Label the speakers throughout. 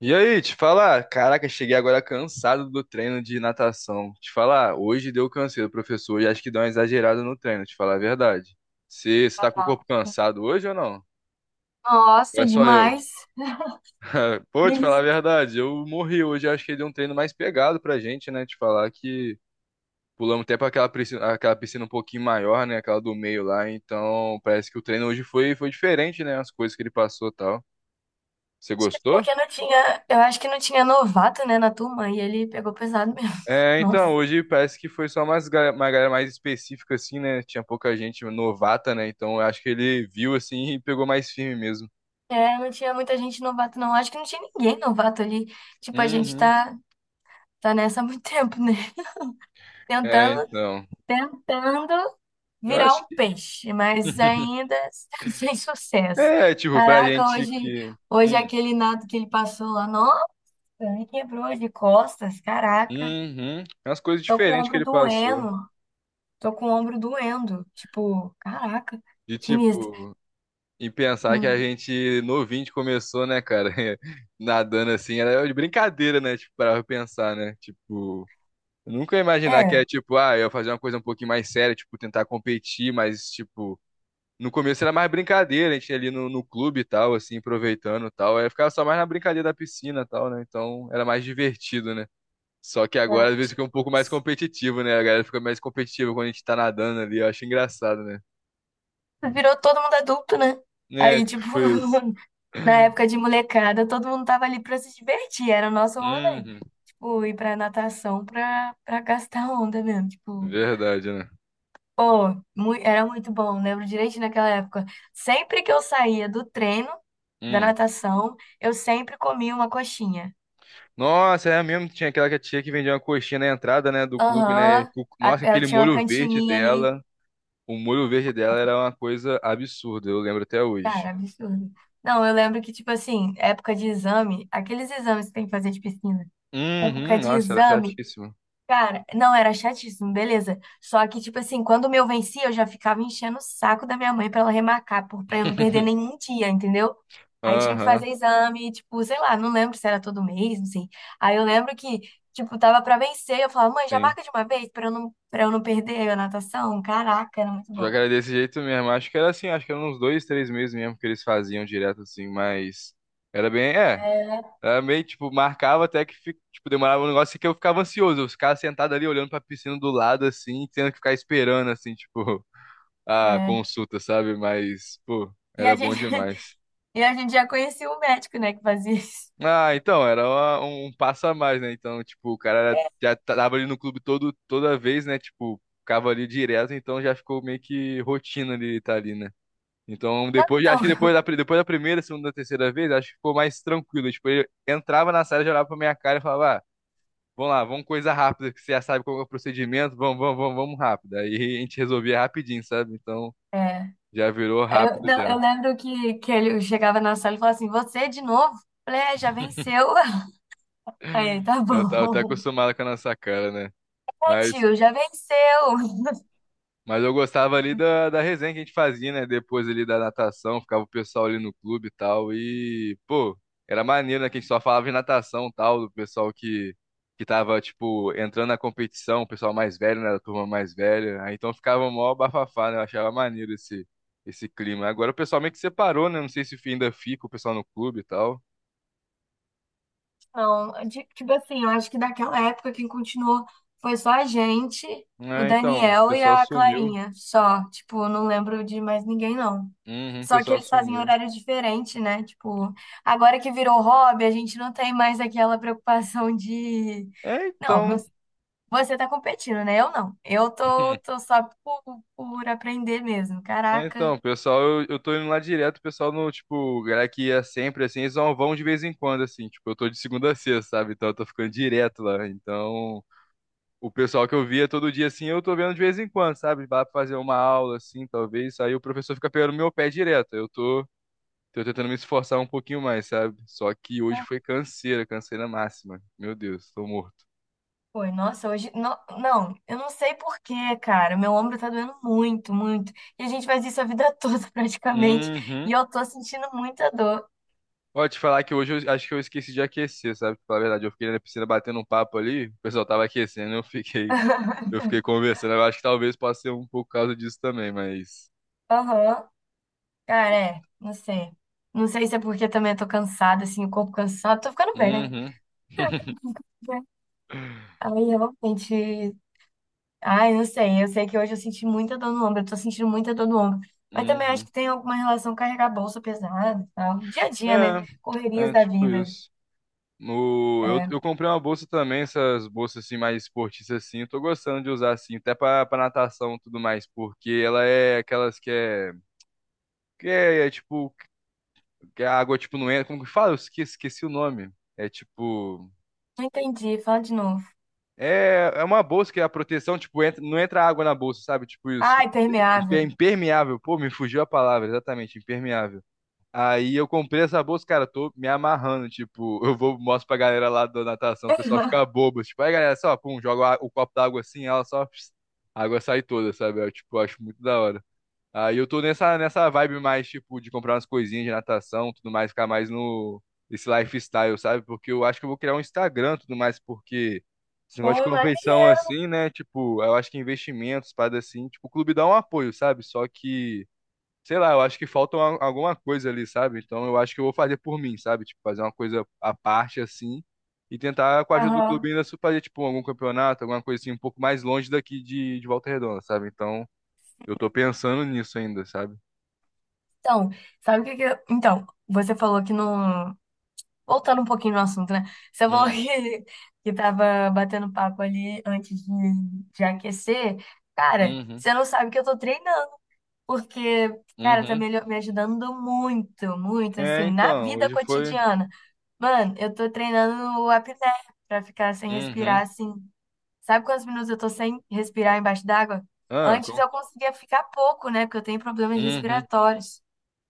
Speaker 1: E aí, te falar, caraca, cheguei agora cansado do treino de natação. Te falar, hoje deu canseiro, professor, e acho que deu uma exagerada no treino, te falar a verdade. Você tá com o corpo cansado hoje ou não? Ou
Speaker 2: Nossa,
Speaker 1: é só eu?
Speaker 2: demais.
Speaker 1: Pô, te falar
Speaker 2: Eles-
Speaker 1: a verdade, eu morri hoje, acho que deu um treino mais pegado pra gente, né? Te falar que pulamos até pra aquela piscina um pouquinho maior, né? Aquela do meio lá, então parece que o treino hoje foi diferente, né? As coisas que ele passou e tal. Você
Speaker 2: Acho que é
Speaker 1: gostou?
Speaker 2: porque não tinha, eu acho que não tinha novato, né, na turma, e ele pegou pesado mesmo.
Speaker 1: É,
Speaker 2: Nossa.
Speaker 1: então, hoje parece que foi só uma galera mais específica, assim, né? Tinha pouca gente novata, né? Então, eu acho que ele viu, assim, e pegou mais firme mesmo.
Speaker 2: É, não tinha muita gente novato, não. Acho que não tinha ninguém novato ali. Tipo, a gente
Speaker 1: Uhum.
Speaker 2: tá nessa há muito tempo, né?
Speaker 1: É,
Speaker 2: Tentando,
Speaker 1: então.
Speaker 2: tentando
Speaker 1: Eu
Speaker 2: virar
Speaker 1: acho
Speaker 2: um
Speaker 1: que.
Speaker 2: peixe, mas ainda sem sucesso.
Speaker 1: É, tipo, pra
Speaker 2: Caraca,
Speaker 1: gente
Speaker 2: hoje,
Speaker 1: que.
Speaker 2: hoje
Speaker 1: Hum.
Speaker 2: aquele nado que ele passou lá, nossa, me quebrou de costas, caraca.
Speaker 1: Uhum. É umas coisas
Speaker 2: Tô com o
Speaker 1: diferentes que
Speaker 2: ombro
Speaker 1: ele passou.
Speaker 2: doendo. Tô com o ombro doendo. Tipo, caraca,
Speaker 1: De,
Speaker 2: sinistro.
Speaker 1: tipo, e pensar que a
Speaker 2: Hum.
Speaker 1: gente novinho que começou, né, cara? Nadando assim, era de brincadeira, né? Tipo, pra pensar, né? Tipo. Eu nunca ia imaginar que é
Speaker 2: É.
Speaker 1: tipo, ah, eu ia fazer uma coisa um pouquinho mais séria, tipo, tentar competir, mas, tipo, no começo era mais brincadeira, a gente ia ali no clube e tal, assim, aproveitando e tal. Aí ficava só mais na brincadeira da piscina e tal, né? Então era mais divertido, né? Só que agora
Speaker 2: Não,
Speaker 1: às vezes fica
Speaker 2: tipo,
Speaker 1: um pouco mais competitivo, né? A galera fica mais competitiva quando a gente tá nadando ali, eu acho engraçado, né?
Speaker 2: virou todo mundo adulto, né?
Speaker 1: É,
Speaker 2: Aí, tipo,
Speaker 1: tipo isso.
Speaker 2: na época de molecada, todo mundo tava ali pra se divertir, era o nosso rolê.
Speaker 1: Uhum,
Speaker 2: Tipo, ir pra natação pra gastar onda mesmo. Tipo,
Speaker 1: verdade, né?
Speaker 2: pô, era muito bom, lembro direito naquela época. Sempre que eu saía do treino, da
Speaker 1: Hum.
Speaker 2: natação, eu sempre comia uma coxinha.
Speaker 1: Nossa, é mesmo, tinha aquela que a tia que vendia uma coxinha na entrada, né, do clube, né?
Speaker 2: Aham,
Speaker 1: Nossa,
Speaker 2: ela
Speaker 1: aquele
Speaker 2: tinha uma
Speaker 1: molho verde
Speaker 2: cantininha ali.
Speaker 1: dela. O molho verde dela era uma coisa absurda, eu lembro até hoje.
Speaker 2: Cara, absurdo. Não, eu lembro que, tipo assim, época de exame, aqueles exames que tem que fazer de piscina, época
Speaker 1: Uhum,
Speaker 2: de
Speaker 1: nossa, era
Speaker 2: exame,
Speaker 1: chatíssimo.
Speaker 2: cara, não, era chatíssimo, beleza. Só que, tipo assim, quando o meu vencia, eu já ficava enchendo o saco da minha mãe pra ela remarcar, pra eu não perder nenhum dia, entendeu? Aí tinha que
Speaker 1: Aham,
Speaker 2: fazer exame, tipo, sei lá, não lembro se era todo mês, não sei. Aí eu lembro que, tipo, tava pra vencer, eu falava, mãe, já
Speaker 1: sim.
Speaker 2: marca de uma vez pra eu não perder a natação. Caraca, era muito
Speaker 1: Só
Speaker 2: bom.
Speaker 1: que era desse jeito mesmo. Acho que era assim, acho que eram uns dois, três meses mesmo que eles faziam direto assim, mas era bem, é,
Speaker 2: É.
Speaker 1: era meio, tipo, marcava até que, tipo, demorava um negócio que eu ficava ansioso. Eu ficava sentado ali olhando pra piscina do lado, assim, tendo que ficar esperando, assim, tipo, a
Speaker 2: É.
Speaker 1: consulta, sabe? Mas, pô,
Speaker 2: E
Speaker 1: era
Speaker 2: a
Speaker 1: bom
Speaker 2: gente.
Speaker 1: demais.
Speaker 2: E a gente já conhecia o médico, né, que fazia isso.
Speaker 1: Ah, então, era um passo a mais, né? Então, tipo, o cara já tava ali no clube todo, toda vez, né? Tipo, ficava ali direto, então já ficou meio que rotina ele tá ali, né? Então, depois, acho
Speaker 2: Então,
Speaker 1: que depois da, depois da primeira, segunda, terceira vez, acho que ficou mais tranquilo. Tipo, ele entrava na sala, já olhava pra minha cara e falava, ah, vamos lá, vamos coisa rápida, que você já sabe qual é o procedimento, vamos, vamos, vamos, vamos rápido. Aí a gente resolvia rapidinho, sabe? Então,
Speaker 2: é,
Speaker 1: já virou
Speaker 2: eu,
Speaker 1: rápido
Speaker 2: não, eu
Speaker 1: já.
Speaker 2: lembro que ele chegava na sala e falava assim, você de novo? Eu falei, é, já venceu. Aí, ele, tá
Speaker 1: Eu tava até
Speaker 2: bom.
Speaker 1: acostumado com a nossa cara, né?
Speaker 2: É,
Speaker 1: Mas.
Speaker 2: tio, já venceu.
Speaker 1: Mas eu gostava ali da resenha que a gente fazia, né? Depois ali da natação, ficava o pessoal ali no clube e tal. E, pô, era maneiro, né? Que a gente só falava em natação e tal, do pessoal que tava, tipo, entrando na competição, o pessoal mais velho, né? Da turma mais velha. Aí então ficava mó bafafá, né? Eu achava maneiro esse clima. Agora o pessoal meio que separou, né? Não sei se ainda fica o pessoal no clube e tal.
Speaker 2: Não, tipo assim, eu acho que daquela época quem continuou foi só a gente, o
Speaker 1: É, então, o
Speaker 2: Daniel e
Speaker 1: pessoal
Speaker 2: a
Speaker 1: sumiu.
Speaker 2: Clarinha, só. Tipo, eu não lembro de mais ninguém, não.
Speaker 1: Uhum, o
Speaker 2: Só que
Speaker 1: pessoal
Speaker 2: eles fazem
Speaker 1: sumiu.
Speaker 2: horário diferente, né? Tipo, agora que virou hobby, a gente não tem mais aquela preocupação de...
Speaker 1: É,
Speaker 2: Não, não.
Speaker 1: então.
Speaker 2: Você tá competindo, né? Eu não. Eu tô, tô só por aprender mesmo.
Speaker 1: É,
Speaker 2: Caraca.
Speaker 1: então, pessoal, eu tô indo lá direto, o pessoal no, tipo, galera que ia sempre, assim, eles só vão de vez em quando, assim, tipo, eu tô de segunda a sexta, sabe? Então eu tô ficando direto lá. Então, o pessoal que eu via todo dia, assim, eu tô vendo de vez em quando, sabe? Vai pra fazer uma aula, assim, talvez, aí o professor fica pegando meu pé direto. Eu tô, tô tentando me esforçar um pouquinho mais, sabe? Só que hoje
Speaker 2: Ah,
Speaker 1: foi canseira, canseira máxima. Meu Deus, tô morto.
Speaker 2: foi, nossa, hoje. Não, não, eu não sei por quê, cara. Meu ombro tá doendo muito, muito. E a gente faz isso a vida toda, praticamente. E
Speaker 1: Uhum.
Speaker 2: eu tô sentindo muita dor.
Speaker 1: Pode falar que hoje eu acho que eu esqueci de aquecer, sabe? Pra falar a verdade, eu fiquei na piscina batendo um papo ali, o pessoal tava aquecendo, eu fiquei conversando. Eu acho que talvez possa ser um pouco por causa disso também, mas.
Speaker 2: Aham. Cara, é. Não sei. Não sei se é porque também eu tô cansada, assim, o corpo cansado. Tô ficando velha, né?
Speaker 1: Uhum.
Speaker 2: Aí, realmente, ai, não sei. Eu sei que hoje eu senti muita dor no ombro. Eu tô sentindo muita dor no ombro. Mas também acho
Speaker 1: Uhum.
Speaker 2: que tem alguma relação com carregar bolsa pesada e tal. Dia a dia, né?
Speaker 1: É,
Speaker 2: Correrias
Speaker 1: é
Speaker 2: da
Speaker 1: tipo
Speaker 2: vida.
Speaker 1: isso. O, eu,
Speaker 2: É.
Speaker 1: eu comprei uma bolsa também, essas bolsas assim mais esportistas assim, eu tô gostando de usar assim, até pra natação e tudo mais, porque ela é aquelas que é, tipo, que a água tipo não entra, como que fala? Eu esqueci o nome. É tipo,
Speaker 2: Não entendi. Fala de novo.
Speaker 1: é, é uma bolsa que a proteção, tipo, entra, não entra água na bolsa, sabe? Tipo
Speaker 2: Ah,
Speaker 1: isso. É
Speaker 2: impermeável.
Speaker 1: impermeável. Pô, me fugiu a palavra, exatamente, impermeável. Aí eu comprei essa bolsa, cara, tô me amarrando, tipo, eu vou mostro pra galera lá da natação, o pessoal fica bobo, tipo, aí galera, só, pum, joga o copo d'água assim, ela só, pss, a água sai toda, sabe? Eu, tipo, acho muito da hora. Aí eu tô nessa vibe mais, tipo, de comprar umas coisinhas de natação, tudo mais, ficar mais no, esse lifestyle, sabe? Porque eu acho que eu vou criar um Instagram, tudo mais, porque esse
Speaker 2: Pô,
Speaker 1: negócio de competição
Speaker 2: maneiro.
Speaker 1: assim, né? Tipo, eu acho que investimentos, parada assim, tipo, o clube dá um apoio, sabe? Só que, sei lá, eu acho que falta alguma coisa ali, sabe? Então eu acho que eu vou fazer por mim, sabe? Tipo, fazer uma coisa à parte assim e tentar, com a ajuda do clube,
Speaker 2: Aham.
Speaker 1: ainda fazer, tipo, algum campeonato, alguma coisa assim, um pouco mais longe daqui de Volta Redonda, sabe? Então eu tô pensando nisso ainda, sabe?
Speaker 2: Então, sabe o que que eu... Então, você falou que não... Voltando um pouquinho no assunto, né? Você falou
Speaker 1: Hum,
Speaker 2: que, que tava batendo papo ali antes de aquecer. Cara,
Speaker 1: uhum,
Speaker 2: você não sabe que eu tô treinando. Porque, cara, tá
Speaker 1: uhum.
Speaker 2: me ajudando muito, muito,
Speaker 1: É,
Speaker 2: assim, na
Speaker 1: então,
Speaker 2: vida
Speaker 1: hoje foi.
Speaker 2: cotidiana. Mano, eu tô treinando o apné pra ficar sem respirar,
Speaker 1: Uhum.
Speaker 2: assim. Sabe quantos minutos eu tô sem respirar embaixo d'água?
Speaker 1: Ah,
Speaker 2: Antes
Speaker 1: com...
Speaker 2: eu conseguia ficar pouco, né? Porque eu tenho problemas
Speaker 1: Uhum.
Speaker 2: respiratórios.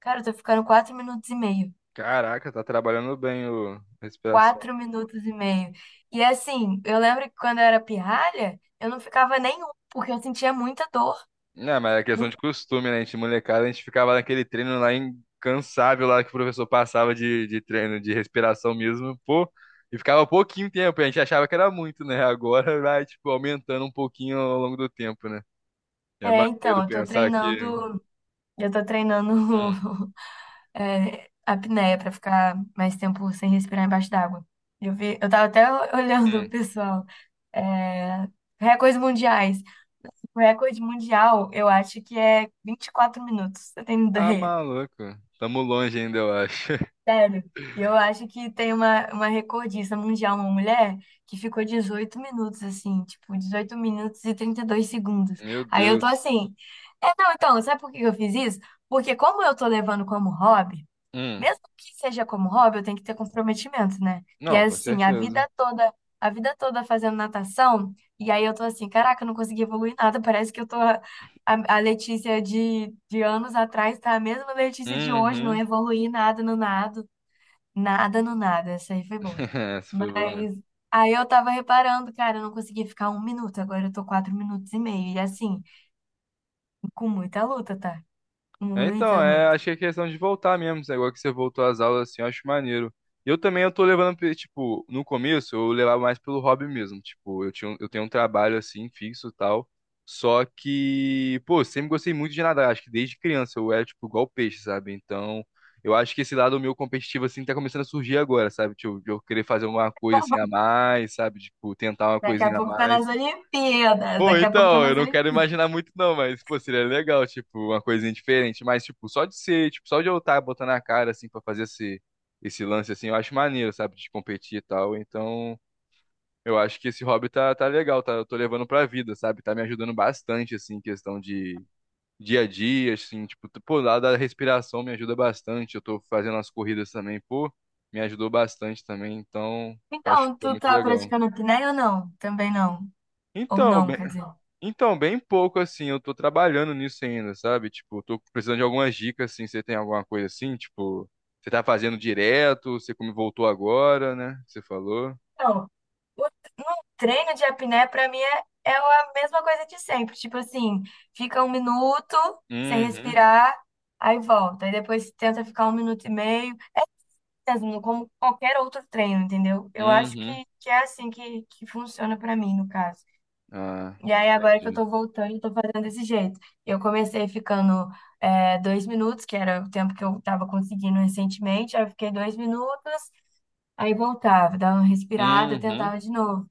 Speaker 2: Cara, eu tô ficando 4 minutos e meio.
Speaker 1: Caraca, tá trabalhando bem o respiração.
Speaker 2: 4 minutos e meio. E assim, eu lembro que quando eu era pirralha, eu não ficava nenhum, porque eu sentia muita dor.
Speaker 1: Não, mas é questão
Speaker 2: Muito...
Speaker 1: de costume, né? A gente, molecada, a gente ficava naquele treino lá incansável lá que o professor passava de treino de respiração mesmo, pô. E ficava pouquinho tempo, a gente achava que era muito, né? Agora vai, tipo, aumentando um pouquinho ao longo do tempo, né? É
Speaker 2: É, então,
Speaker 1: maneiro
Speaker 2: eu tô
Speaker 1: pensar que.
Speaker 2: treinando, eu tô treinando
Speaker 1: Hum,
Speaker 2: apneia pra ficar mais tempo sem respirar embaixo d'água. Eu vi, eu tava até olhando o
Speaker 1: hum.
Speaker 2: pessoal. É, recordes mundiais. O recorde mundial, eu acho que é 24 minutos. Você tem
Speaker 1: Ah,
Speaker 2: ideia?
Speaker 1: maluco. Tamo longe ainda, eu acho.
Speaker 2: Sério. E eu acho que tem uma recordista mundial, uma mulher, que ficou 18 minutos, assim, tipo, 18 minutos e 32 segundos.
Speaker 1: Meu
Speaker 2: Aí eu tô
Speaker 1: Deus.
Speaker 2: assim. É, não, então, sabe por que eu fiz isso? Porque como eu tô levando como hobby,
Speaker 1: Hum,
Speaker 2: mesmo que seja como hobby, eu tenho que ter comprometimento, né? E
Speaker 1: não,
Speaker 2: é
Speaker 1: com
Speaker 2: assim,
Speaker 1: certeza.
Speaker 2: a vida toda fazendo natação, e aí eu tô assim, caraca, eu não consegui evoluir nada, parece que eu tô a Letícia de anos atrás, tá a mesma Letícia de hoje, não
Speaker 1: Uhum.
Speaker 2: evoluí nada no nado, nada no nada, essa aí foi boa.
Speaker 1: Essa foi boa mesmo.
Speaker 2: Mas aí eu tava reparando, cara, eu não consegui ficar 1 minuto, agora eu tô 4 minutos e meio, e assim, com muita luta, tá?
Speaker 1: É, então,
Speaker 2: Muita
Speaker 1: é,
Speaker 2: luta.
Speaker 1: acho que é questão de voltar mesmo. Esse negócio que você voltou às aulas, assim, eu acho maneiro. Eu também eu tô levando, tipo, no começo eu levava mais pelo hobby mesmo. Tipo, eu tinha, eu tenho um trabalho assim, fixo e tal. Só que, pô, sempre gostei muito de nadar. Acho que desde criança eu era, tipo, igual peixe, sabe? Então, eu acho que esse lado meu competitivo, assim, tá começando a surgir agora, sabe? Tipo, de eu querer fazer uma coisa assim a mais, sabe? Tipo, tentar uma
Speaker 2: Daqui a
Speaker 1: coisinha a
Speaker 2: pouco tá nas
Speaker 1: mais.
Speaker 2: Olimpíadas,
Speaker 1: Pô,
Speaker 2: daqui a pouco tá
Speaker 1: então, eu
Speaker 2: nas
Speaker 1: não quero
Speaker 2: Olimpíadas.
Speaker 1: imaginar muito não, mas, pô, seria legal, tipo, uma coisinha diferente. Mas, tipo, só de ser, tipo, só de eu estar botando a cara, assim, pra fazer esse, esse lance, assim, eu acho maneiro, sabe, de competir e tal. Então, eu acho que esse hobby tá legal, tá, eu tô levando pra vida, sabe? Tá me ajudando bastante, assim, em questão de dia a dia, assim, tipo, t- pô, lá da respiração me ajuda bastante. Eu tô fazendo as corridas também, pô, me ajudou bastante também, então, acho que
Speaker 2: Então,
Speaker 1: foi
Speaker 2: tu
Speaker 1: muito
Speaker 2: tá
Speaker 1: legal.
Speaker 2: praticando apneia ou não? Também não. Ou
Speaker 1: Então,
Speaker 2: não, quer dizer.
Speaker 1: então, bem pouco assim, eu tô trabalhando nisso ainda, sabe? Tipo, eu tô precisando de algumas dicas assim, você tem alguma coisa assim, tipo, você tá fazendo direto, você como voltou agora, né? Você falou.
Speaker 2: Não, o no treino de apneia pra mim é, é a mesma coisa de sempre. Tipo assim, fica 1 minuto sem
Speaker 1: Uhum,
Speaker 2: respirar, aí volta. Aí depois tenta ficar 1 minuto e meio, mesmo como qualquer outro treino, entendeu? Eu acho
Speaker 1: uhum.
Speaker 2: que é assim que funciona pra mim, no caso.
Speaker 1: Ah,
Speaker 2: E aí, agora que eu
Speaker 1: entendi.
Speaker 2: tô voltando, eu tô fazendo desse jeito. Eu comecei ficando é, 2 minutos, que era o tempo que eu tava conseguindo recentemente. Aí eu fiquei 2 minutos, aí voltava, dava uma respirada,
Speaker 1: Uhum.
Speaker 2: tentava de novo.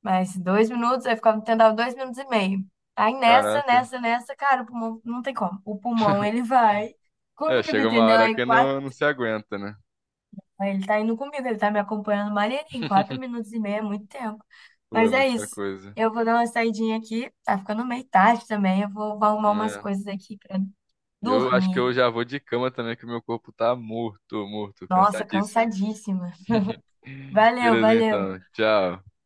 Speaker 2: Mas 2 minutos, aí ficava tentava 2 minutos e meio. Aí nessa,
Speaker 1: Caraca.
Speaker 2: nessa, nessa, cara, o pulmão não tem como. O pulmão, ele vai
Speaker 1: É,
Speaker 2: comigo,
Speaker 1: chega uma
Speaker 2: entendeu?
Speaker 1: hora que não, não se aguenta, né?
Speaker 2: Aí ele tá indo comigo, ele tá me acompanhando maneirinho. 4 minutos e meio é muito tempo.
Speaker 1: Pô, é
Speaker 2: Mas é
Speaker 1: muita
Speaker 2: isso.
Speaker 1: coisa.
Speaker 2: Eu vou dar uma saidinha aqui. Tá ficando meio tarde também. Eu vou arrumar umas
Speaker 1: É.
Speaker 2: coisas aqui pra
Speaker 1: Eu acho que
Speaker 2: dormir.
Speaker 1: eu já vou de cama também, que meu corpo tá morto, morto,
Speaker 2: Nossa,
Speaker 1: cansadíssimo.
Speaker 2: cansadíssima. Valeu,
Speaker 1: Beleza,
Speaker 2: valeu.
Speaker 1: então. Tchau.